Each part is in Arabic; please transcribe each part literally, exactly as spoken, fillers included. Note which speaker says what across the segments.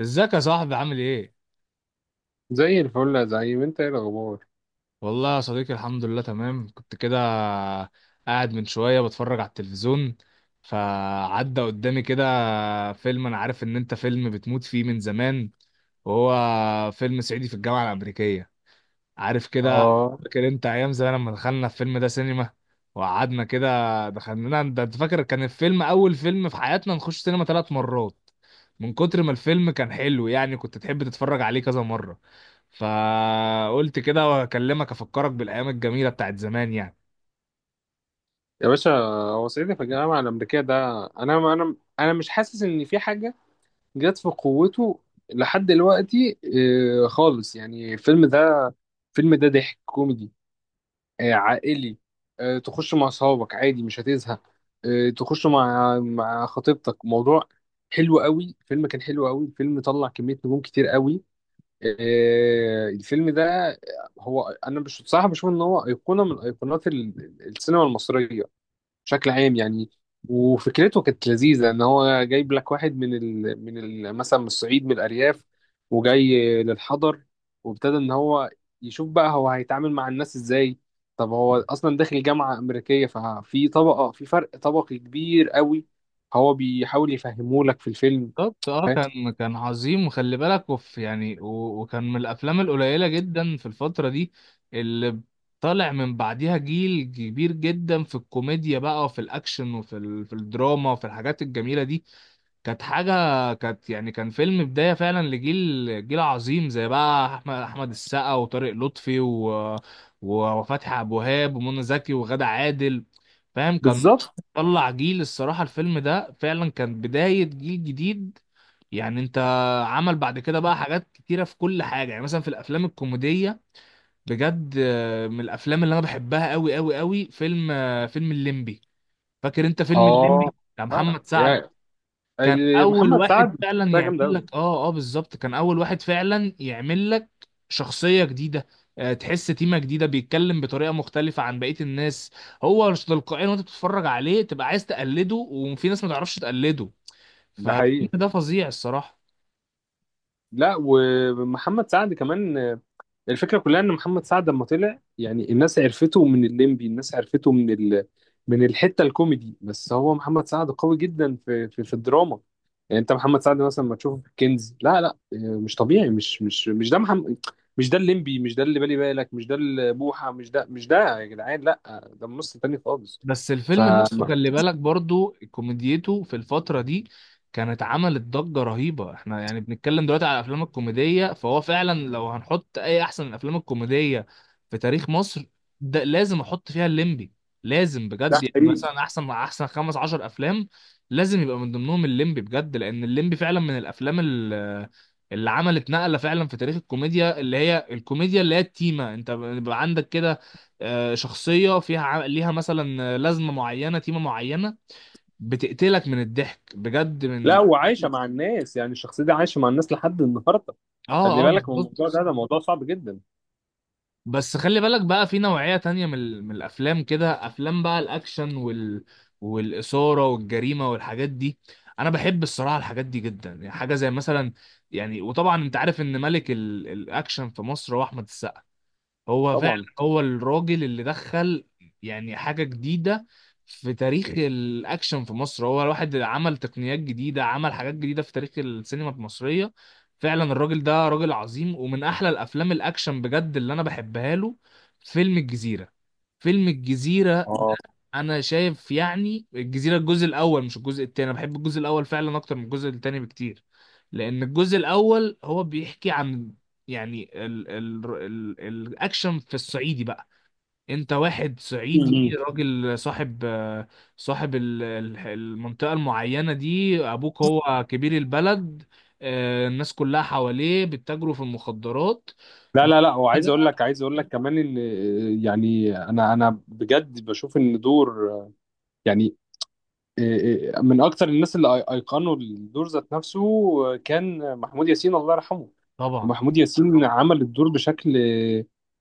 Speaker 1: ازيك يا صاحبي؟ عامل ايه؟
Speaker 2: زي الفل يا زعيم، انت ايه الاخبار؟
Speaker 1: والله يا صديقي الحمد لله تمام. كنت كده قاعد من شوية بتفرج على التلفزيون، فعدى قدامي كده فيلم انا عارف ان انت فيلم بتموت فيه من زمان، وهو فيلم صعيدي في الجامعة الأمريكية، عارف كده.
Speaker 2: اه
Speaker 1: فاكر انت ايام زمان لما دخلنا الفيلم ده سينما وقعدنا كده؟ دخلنا، ده انت فاكر كان الفيلم اول فيلم في حياتنا نخش سينما ثلاث مرات من كتر ما الفيلم كان حلو، يعني كنت تحب تتفرج عليه كذا مرة. فقلت كده واكلمك افكرك بالايام الجميلة بتاعت زمان يعني.
Speaker 2: يا باشا. هو صعيدي في الجامعه الامريكيه ده، انا انا انا مش حاسس ان في حاجه جت في قوته لحد دلوقتي. اه، خالص يعني. الفيلم ده الفيلم ده ضحك كوميدي، اه، عائلي. اه، تخش مع اصحابك عادي، مش هتزهق. اه، تخش مع مع خطيبتك، موضوع حلو قوي. الفيلم كان حلو قوي، الفيلم طلع كميه نجوم كتير قوي. آه، الفيلم ده، هو انا مش بصراحه بشوف ان هو ايقونه من ايقونات ال- السينما المصريه بشكل عام يعني. وفكرته كانت لذيذه، ان هو جايب لك واحد من ال... من ال... مثلا من الصعيد، من الارياف، وجاي للحضر، وابتدى ان هو يشوف بقى هو هيتعامل مع الناس ازاي. طب هو اصلا داخل جامعه امريكيه، ففي طبقه، في فرق طبقي كبير قوي، هو بيحاول يفهمه لك في الفيلم.
Speaker 1: بالظبط، اه
Speaker 2: فاهم؟
Speaker 1: كان كان عظيم. وخلي بالك، وف يعني و- وكان من الافلام القليله جدا في الفتره دي اللي طالع من بعديها جيل كبير جدا في الكوميديا بقى، وفي الاكشن، وفي ال... في الدراما، وفي الحاجات الجميله دي. كانت حاجه، كانت يعني كان فيلم بدايه فعلا لجيل، جيل عظيم زي بقى احمد احمد السقا وطارق لطفي و... و- وفتحي عبد الوهاب ومنى زكي وغادة عادل، فاهم. كان
Speaker 2: بالظبط
Speaker 1: طلع جيل. الصراحة الفيلم ده فعلا كان بداية جيل جديد. يعني انت عمل بعد كده بقى حاجات كتيرة في كل حاجة. يعني مثلا في الافلام الكوميدية، بجد آه، من الافلام اللي انا بحبها قوي قوي قوي فيلم، آه، فيلم الليمبي. فاكر انت فيلم
Speaker 2: اه.
Speaker 1: الليمبي بتاع
Speaker 2: فعلا
Speaker 1: محمد سعد؟ كان
Speaker 2: ال-
Speaker 1: اول
Speaker 2: محمد
Speaker 1: واحد
Speaker 2: سعد
Speaker 1: فعلا
Speaker 2: ده
Speaker 1: يعمل
Speaker 2: جامد قوي.
Speaker 1: لك اه اه بالظبط، كان اول واحد فعلا يعمل لك شخصية جديدة. آه، تحس تيمة جديدة، بيتكلم بطريقة مختلفة عن بقية الناس. هو مش تلقائيا وانت بتتفرج عليه تبقى عايز تقلده، وفي ناس ما تعرفش تقلده.
Speaker 2: ده
Speaker 1: فالفيلم
Speaker 2: حقيقي.
Speaker 1: ده فظيع الصراحة.
Speaker 2: لا، ومحمد سعد كمان، آه، الفكره كلها ان محمد سعد لما طلع، يعني الناس عرفته من الليمبي، الناس عرفته من ال... من الحته الكوميدي، بس هو محمد سعد قوي جدا في في, في الدراما. يعني انت محمد سعد مثلا ما تشوفه في الكنز، لا لا، آه، مش طبيعي، مش مش مش ده محمد، مش ده الليمبي، مش ده اللي بالي بالك، مش ده البوحه، مش ده مش ده يا جدعان، لا، ده ممثل تاني خالص.
Speaker 1: بس
Speaker 2: ف
Speaker 1: الفيلم نفسه، خلي بالك، برضو كوميديته في الفترة دي كانت عملت ضجة رهيبة. احنا يعني بنتكلم دلوقتي على الافلام الكوميدية، فهو فعلا لو هنحط اي احسن الافلام الكوميدية في تاريخ مصر، ده لازم احط فيها الليمبي. لازم
Speaker 2: ده
Speaker 1: بجد. يعني
Speaker 2: حقيقي.
Speaker 1: مثلا احسن احسن خمس عشر افلام لازم يبقى من ضمنهم الليمبي بجد، لان الليمبي فعلا من الافلام ال- اللي عملت نقلة فعلا في تاريخ الكوميديا، اللي هي الكوميديا اللي هي التيمة. انت بيبقى عندك كده آه، شخصية فيها ع- ليها مثلا لازمة معينة، تيمة معينة، بتقتلك من الضحك بجد
Speaker 2: لا،
Speaker 1: من
Speaker 2: وعايشه مع الناس، يعني الشخصيه دي عايشه مع الناس لحد النهارده. خلي
Speaker 1: اه اه
Speaker 2: بالك من الموضوع
Speaker 1: بالظبط.
Speaker 2: ده، ده موضوع صعب جدا.
Speaker 1: بس خلي بالك بقى في نوعية تانية من, ال- من الأفلام كده، أفلام بقى الأكشن وال... والإثارة والجريمة والحاجات دي. أنا بحب الصراحة الحاجات دي جدا، يعني حاجة زي مثلا، يعني وطبعا أنت عارف إن ملك ال... الأكشن في مصر هو أحمد السقا. هو فعلا
Speaker 2: طبعا.
Speaker 1: هو الراجل اللي دخل يعني حاجة جديدة في تاريخ الأكشن في مصر. هو الواحد اللي عمل تقنيات جديدة، عمل حاجات جديدة في تاريخ السينما المصرية. فعلا الراجل ده راجل عظيم. ومن أحلى الأفلام الأكشن بجد اللي أنا بحبها له فيلم الجزيرة. فيلم الجزيرة،
Speaker 2: اه.
Speaker 1: انا شايف يعني الجزيره الجزء الاول مش الجزء التاني. انا بحب الجزء الاول فعلا اكتر من الجزء التاني بكتير، لان الجزء الاول هو بيحكي عن يعني ال ال ال الاكشن في الصعيدي بقى. انت واحد
Speaker 2: مم.
Speaker 1: صعيدي، راجل صاحب، آه، صاحب ال- ال- المنطقه المعينه دي، ابوك هو كبير البلد، آه، الناس كلها حواليه بيتاجروا في المخدرات
Speaker 2: لا
Speaker 1: بقى
Speaker 2: لا لا وعايز اقول لك، عايز اقول لك كمان اللي يعني انا انا بجد بشوف ان دور، آه، يعني إيه- من اكتر الناس اللي أي- ايقنوا الدور ذات نفسه كان محمود ياسين، الله يرحمه.
Speaker 1: طبعا.
Speaker 2: محمود ياسين عمل الدور بشكل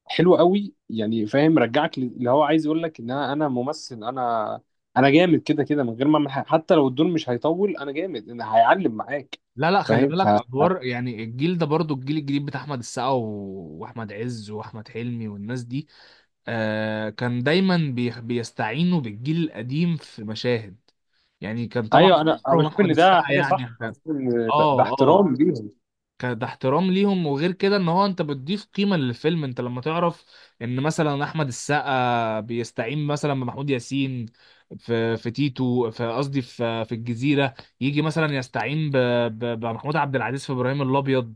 Speaker 2: حلو قوي، يعني فاهم، رجعك ل- اللي هو عايز يقول لك ان انا أنا ممثل، انا انا جامد كده كده من غير ما أعمل حاجة. حتى لو الدور مش هيطول انا جامد، انا هيعلم معاك.
Speaker 1: لا لا خلي
Speaker 2: فاهم؟ ف
Speaker 1: بالك، ادوار يعني الجيل ده برضو، الجيل الجديد بتاع احمد السقا و- واحمد عز واحمد حلمي والناس دي، آه كان دايما بي- بيستعينوا بالجيل القديم في مشاهد. يعني كان طبعا
Speaker 2: ايوه، انا أنا
Speaker 1: عمرهم
Speaker 2: بشوف
Speaker 1: احمد
Speaker 2: ان ده
Speaker 1: السقا
Speaker 2: حاجه
Speaker 1: يعني
Speaker 2: صح، انا
Speaker 1: كان،
Speaker 2: بشوف ان ده ده
Speaker 1: اه اه
Speaker 2: احترام ليهم.
Speaker 1: كان ده احترام ليهم. وغير كده ان هو انت بتضيف قيمة للفيلم. انت لما تعرف ان مثلا احمد السقا بيستعين مثلا بمحمود ياسين في في تيتو، في قصدي في في الجزيرة، يجي مثلا يستعين ب- ب- بمحمود عبد العزيز في ابراهيم الابيض،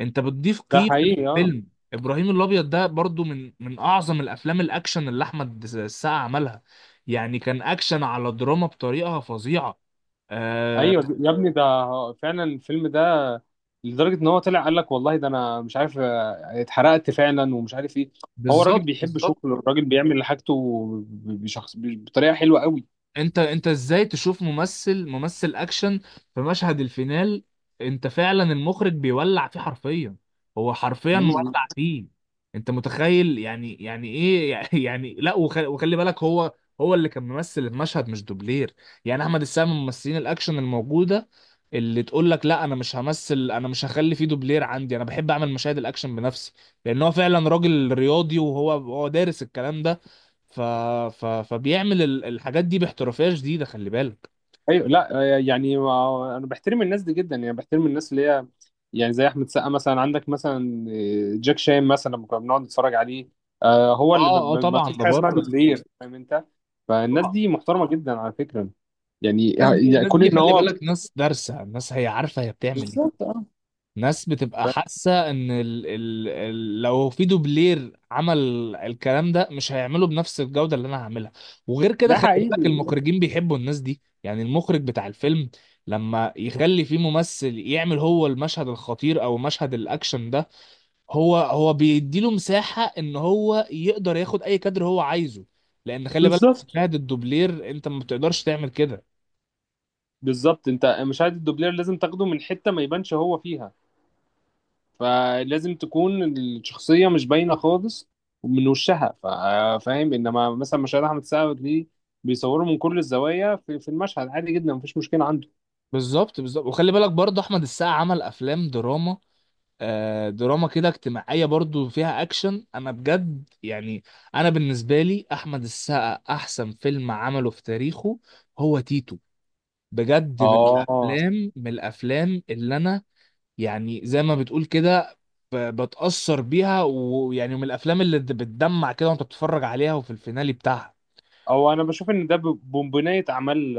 Speaker 1: انت بتضيف
Speaker 2: ده
Speaker 1: قيمة
Speaker 2: حقيقي اه.
Speaker 1: للفيلم. ابراهيم الابيض ده برضو من من اعظم الافلام الاكشن اللي احمد السقا عملها. يعني كان اكشن على دراما بطريقة فظيعة
Speaker 2: ايوه
Speaker 1: آه.
Speaker 2: يا ابني، ده فعلا الفيلم ده لدرجه ان هو طلع قال لك والله ده انا مش عارف، آه، اتحرقت فعلا ومش عارف ايه. هو الراجل
Speaker 1: بالظبط
Speaker 2: بيحب
Speaker 1: بالظبط.
Speaker 2: شغله، الراجل بيعمل حاجته ب- بشخص ب- بطريقه حلوه قوي.
Speaker 1: انت انت ازاي تشوف ممثل ممثل اكشن في مشهد الفينال انت فعلا المخرج بيولع فيه حرفيا؟ هو حرفيا
Speaker 2: مم.
Speaker 1: مولع فيه. انت متخيل يعني يعني ايه يعني لا، وخلي, وخلي بالك، هو هو اللي كان ممثل المشهد، مش دوبلير. يعني احمد السقا من ممثلين الاكشن الموجوده اللي تقول لك لا، انا مش همثل، انا مش هخلي فيه دوبلير عندي، انا بحب اعمل مشاهد الاكشن بنفسي. لان هو فعلا راجل رياضي، وهو هو دارس الكلام ده، ف... ف... فبيعمل ال- الحاجات دي باحترافيه شديده خلي بالك.
Speaker 2: ايوه لا، آه، يعني ما- انا بحترم الناس دي جدا، يعني بحترم الناس اللي هي يعني زي احمد سقا مثلا، عندك مثلا آه، جاك شان مثلا، لما كنا بنقعد نتفرج عليه، آه، هو
Speaker 1: اه
Speaker 2: اللي ب-
Speaker 1: اه
Speaker 2: ب- ما
Speaker 1: طبعا
Speaker 2: فيش
Speaker 1: ده
Speaker 2: حاجه اسمها
Speaker 1: بره
Speaker 2: دوبلير، فاهم انت؟ فالناس
Speaker 1: طبعا.
Speaker 2: دي محترمه جدا على فكره. يعني
Speaker 1: الناس دي،
Speaker 2: يعني
Speaker 1: الناس
Speaker 2: كون
Speaker 1: دي
Speaker 2: ان
Speaker 1: خلي
Speaker 2: هو
Speaker 1: بالك، ناس دارسه، الناس هي عارفه هي بتعمل ايه.
Speaker 2: بالظبط اه.
Speaker 1: ناس بتبقى
Speaker 2: ف-
Speaker 1: حاسه ان ال... ال... ال... لو في دوبلير عمل الكلام ده مش هيعمله بنفس الجوده اللي انا هعملها. وغير كده
Speaker 2: ده
Speaker 1: خلي بالك
Speaker 2: حقيقي.
Speaker 1: المخرجين بيحبوا الناس دي. يعني المخرج بتاع الفيلم لما يخلي فيه ممثل يعمل هو المشهد الخطير او مشهد الاكشن ده، هو هو بيديله مساحة ان هو يقدر ياخد اي كادر هو عايزه. لان خلي بالك
Speaker 2: بالظبط
Speaker 1: مشاهد الدوبلير انت ما بتقدرش تعمل كده.
Speaker 2: بالظبط انت مشاهد الدوبلير لازم تاخده من حته ما يبانش هو فيها، فلازم تكون الشخصيه مش باينه خالص من وشها، فا- فاهم. انما مثلا مشاهد احمد سعد دي بيصوروا من كل الزوايا، في, في المشهد عادي جدا، مفيش مشكله عنده.
Speaker 1: بالظبط بالظبط. وخلي بالك برضه احمد السقا عمل افلام دراما، آه دراما كده اجتماعية برضه فيها اكشن. انا بجد، يعني انا بالنسبة لي احمد السقا احسن فيلم عمله في تاريخه هو تيتو. بجد من
Speaker 2: اه.
Speaker 1: الافلام من الافلام اللي انا يعني زي ما بتقول كده ب- بتأثر بيها. ويعني من الافلام اللي د- بتدمع كده وانت بتتفرج عليها وفي الفينالي بتاعها.
Speaker 2: او انا بشوف ان ده ب- بنبنيه اعمال،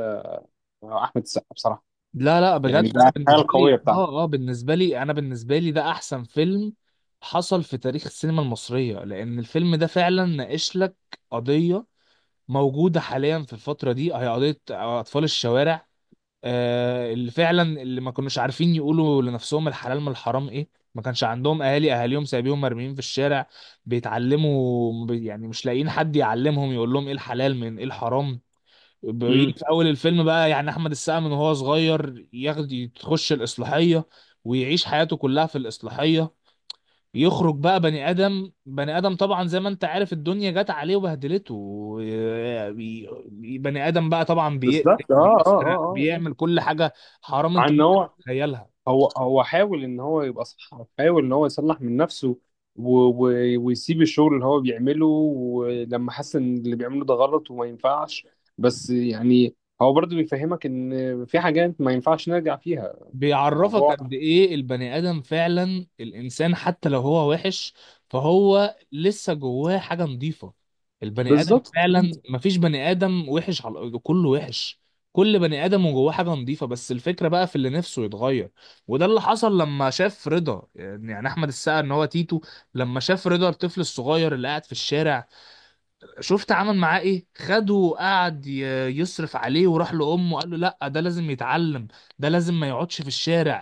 Speaker 2: آه، احمد السقا بصراحه،
Speaker 1: لا لا بجد
Speaker 2: يعني
Speaker 1: انا
Speaker 2: ده الحاجه
Speaker 1: بالنسبه
Speaker 2: القويه
Speaker 1: لي
Speaker 2: بتاعته.
Speaker 1: اه اه بالنسبه لي انا بالنسبه لي ده احسن فيلم حصل في تاريخ السينما المصريه، لان الفيلم ده فعلا ناقش لك قضيه موجوده حاليا في الفتره دي، هي قضيه اطفال الشوارع. آه، اللي فعلا اللي ما كانوش عارفين يقولوا لنفسهم الحلال من الحرام ايه، ما كانش عندهم اهالي، اهاليهم سايبيهم مرميين في الشارع، بيتعلموا بي- يعني مش لاقيين حد يعلمهم يقول لهم ايه الحلال من ايه الحرام. بيجي
Speaker 2: امم.
Speaker 1: في اول الفيلم بقى يعني احمد السقا من وهو صغير ياخد يخش الاصلاحيه، ويعيش حياته كلها في الاصلاحيه. يخرج بقى بني ادم، بني ادم طبعا زي ما انت عارف الدنيا جت عليه وبهدلته. بي- بني ادم بقى طبعا بيقتل،
Speaker 2: بالظبط اه اه
Speaker 1: بيسرق،
Speaker 2: اه اه
Speaker 1: بيعمل كل حاجه حرام
Speaker 2: مع
Speaker 1: انت
Speaker 2: ان
Speaker 1: ممكن
Speaker 2: هو
Speaker 1: تتخيلها.
Speaker 2: هو هو حاول ان هو يبقى صح، حاول ان هو يصلح من نفسه، و... و... ويسيب الشغل اللي هو بيعمله، ولما حس ان اللي بيعمله ده غلط وما ينفعش، بس يعني هو برضه بيفهمك ان في حاجات ما ينفعش نرجع فيها
Speaker 1: بيعرفك
Speaker 2: الموضوع.
Speaker 1: قد ايه البني ادم فعلا، الانسان حتى لو هو وحش فهو لسه جواه حاجه نظيفه. البني ادم
Speaker 2: بالظبط
Speaker 1: فعلا مفيش بني ادم وحش على الارض كله وحش. كل بني ادم وجواه حاجه نظيفه، بس الفكره بقى في اللي نفسه يتغير. وده اللي حصل لما شاف رضا. يعني احمد السقا ان هو تيتو لما شاف رضا الطفل الصغير اللي قاعد في الشارع، شفت عمل معاه ايه؟ خده وقعد ي- يصرف عليه، وراح لامه قال له لا ده لازم يتعلم، ده لازم ما يقعدش في الشارع.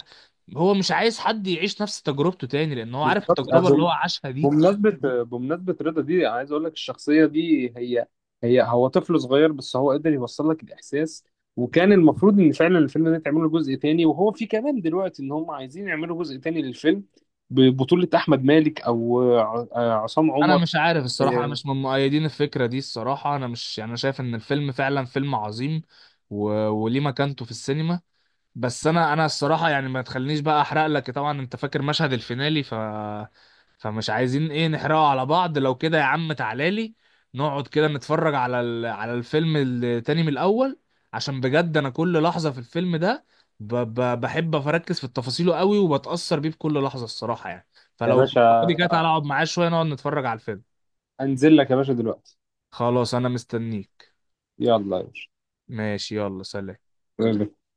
Speaker 1: هو مش عايز حد يعيش نفس تجربته تاني، لان هو عارف
Speaker 2: بالظبط
Speaker 1: التجربة اللي هو عاشها دي.
Speaker 2: بمناسبة بمناسبة رضا دي، أنا عايز أقول لك الشخصية دي، هي هي هو طفل صغير بس هو قدر يوصل لك الإحساس. وكان المفروض إن فعلا الفيلم ده يتعمل له جزء تاني، وهو في كمان دلوقتي إن هم عايزين يعملوا جزء تاني للفيلم ببطولة أحمد مالك أو ع- عصام
Speaker 1: انا
Speaker 2: عمر.
Speaker 1: مش عارف الصراحة، انا مش من مؤيدين الفكرة دي الصراحة. انا مش يعني، انا شايف ان الفيلم فعلا فيلم عظيم، و... وليه مكانته في السينما. بس انا انا الصراحه يعني ما تخلينيش بقى احرق لك. طبعا انت فاكر مشهد الفينالي، ف فمش عايزين ايه نحرقه على بعض. لو كده يا عم تعالى لي نقعد كده نتفرج على ال... على الفيلم التاني من الاول، عشان بجد انا كل لحظه في الفيلم ده ب... ب... بحب اركز في تفاصيله قوي، وبتاثر بيه بكل لحظه الصراحه يعني.
Speaker 2: يا
Speaker 1: فلو انت
Speaker 2: باشا،
Speaker 1: فاضي كده تعالى اقعد معاه شويه نقعد نتفرج على الفيلم.
Speaker 2: أنزل لك يا باشا دلوقتي.
Speaker 1: خلاص انا مستنيك.
Speaker 2: يلا يا
Speaker 1: ماشي يلا سلام.
Speaker 2: باشا.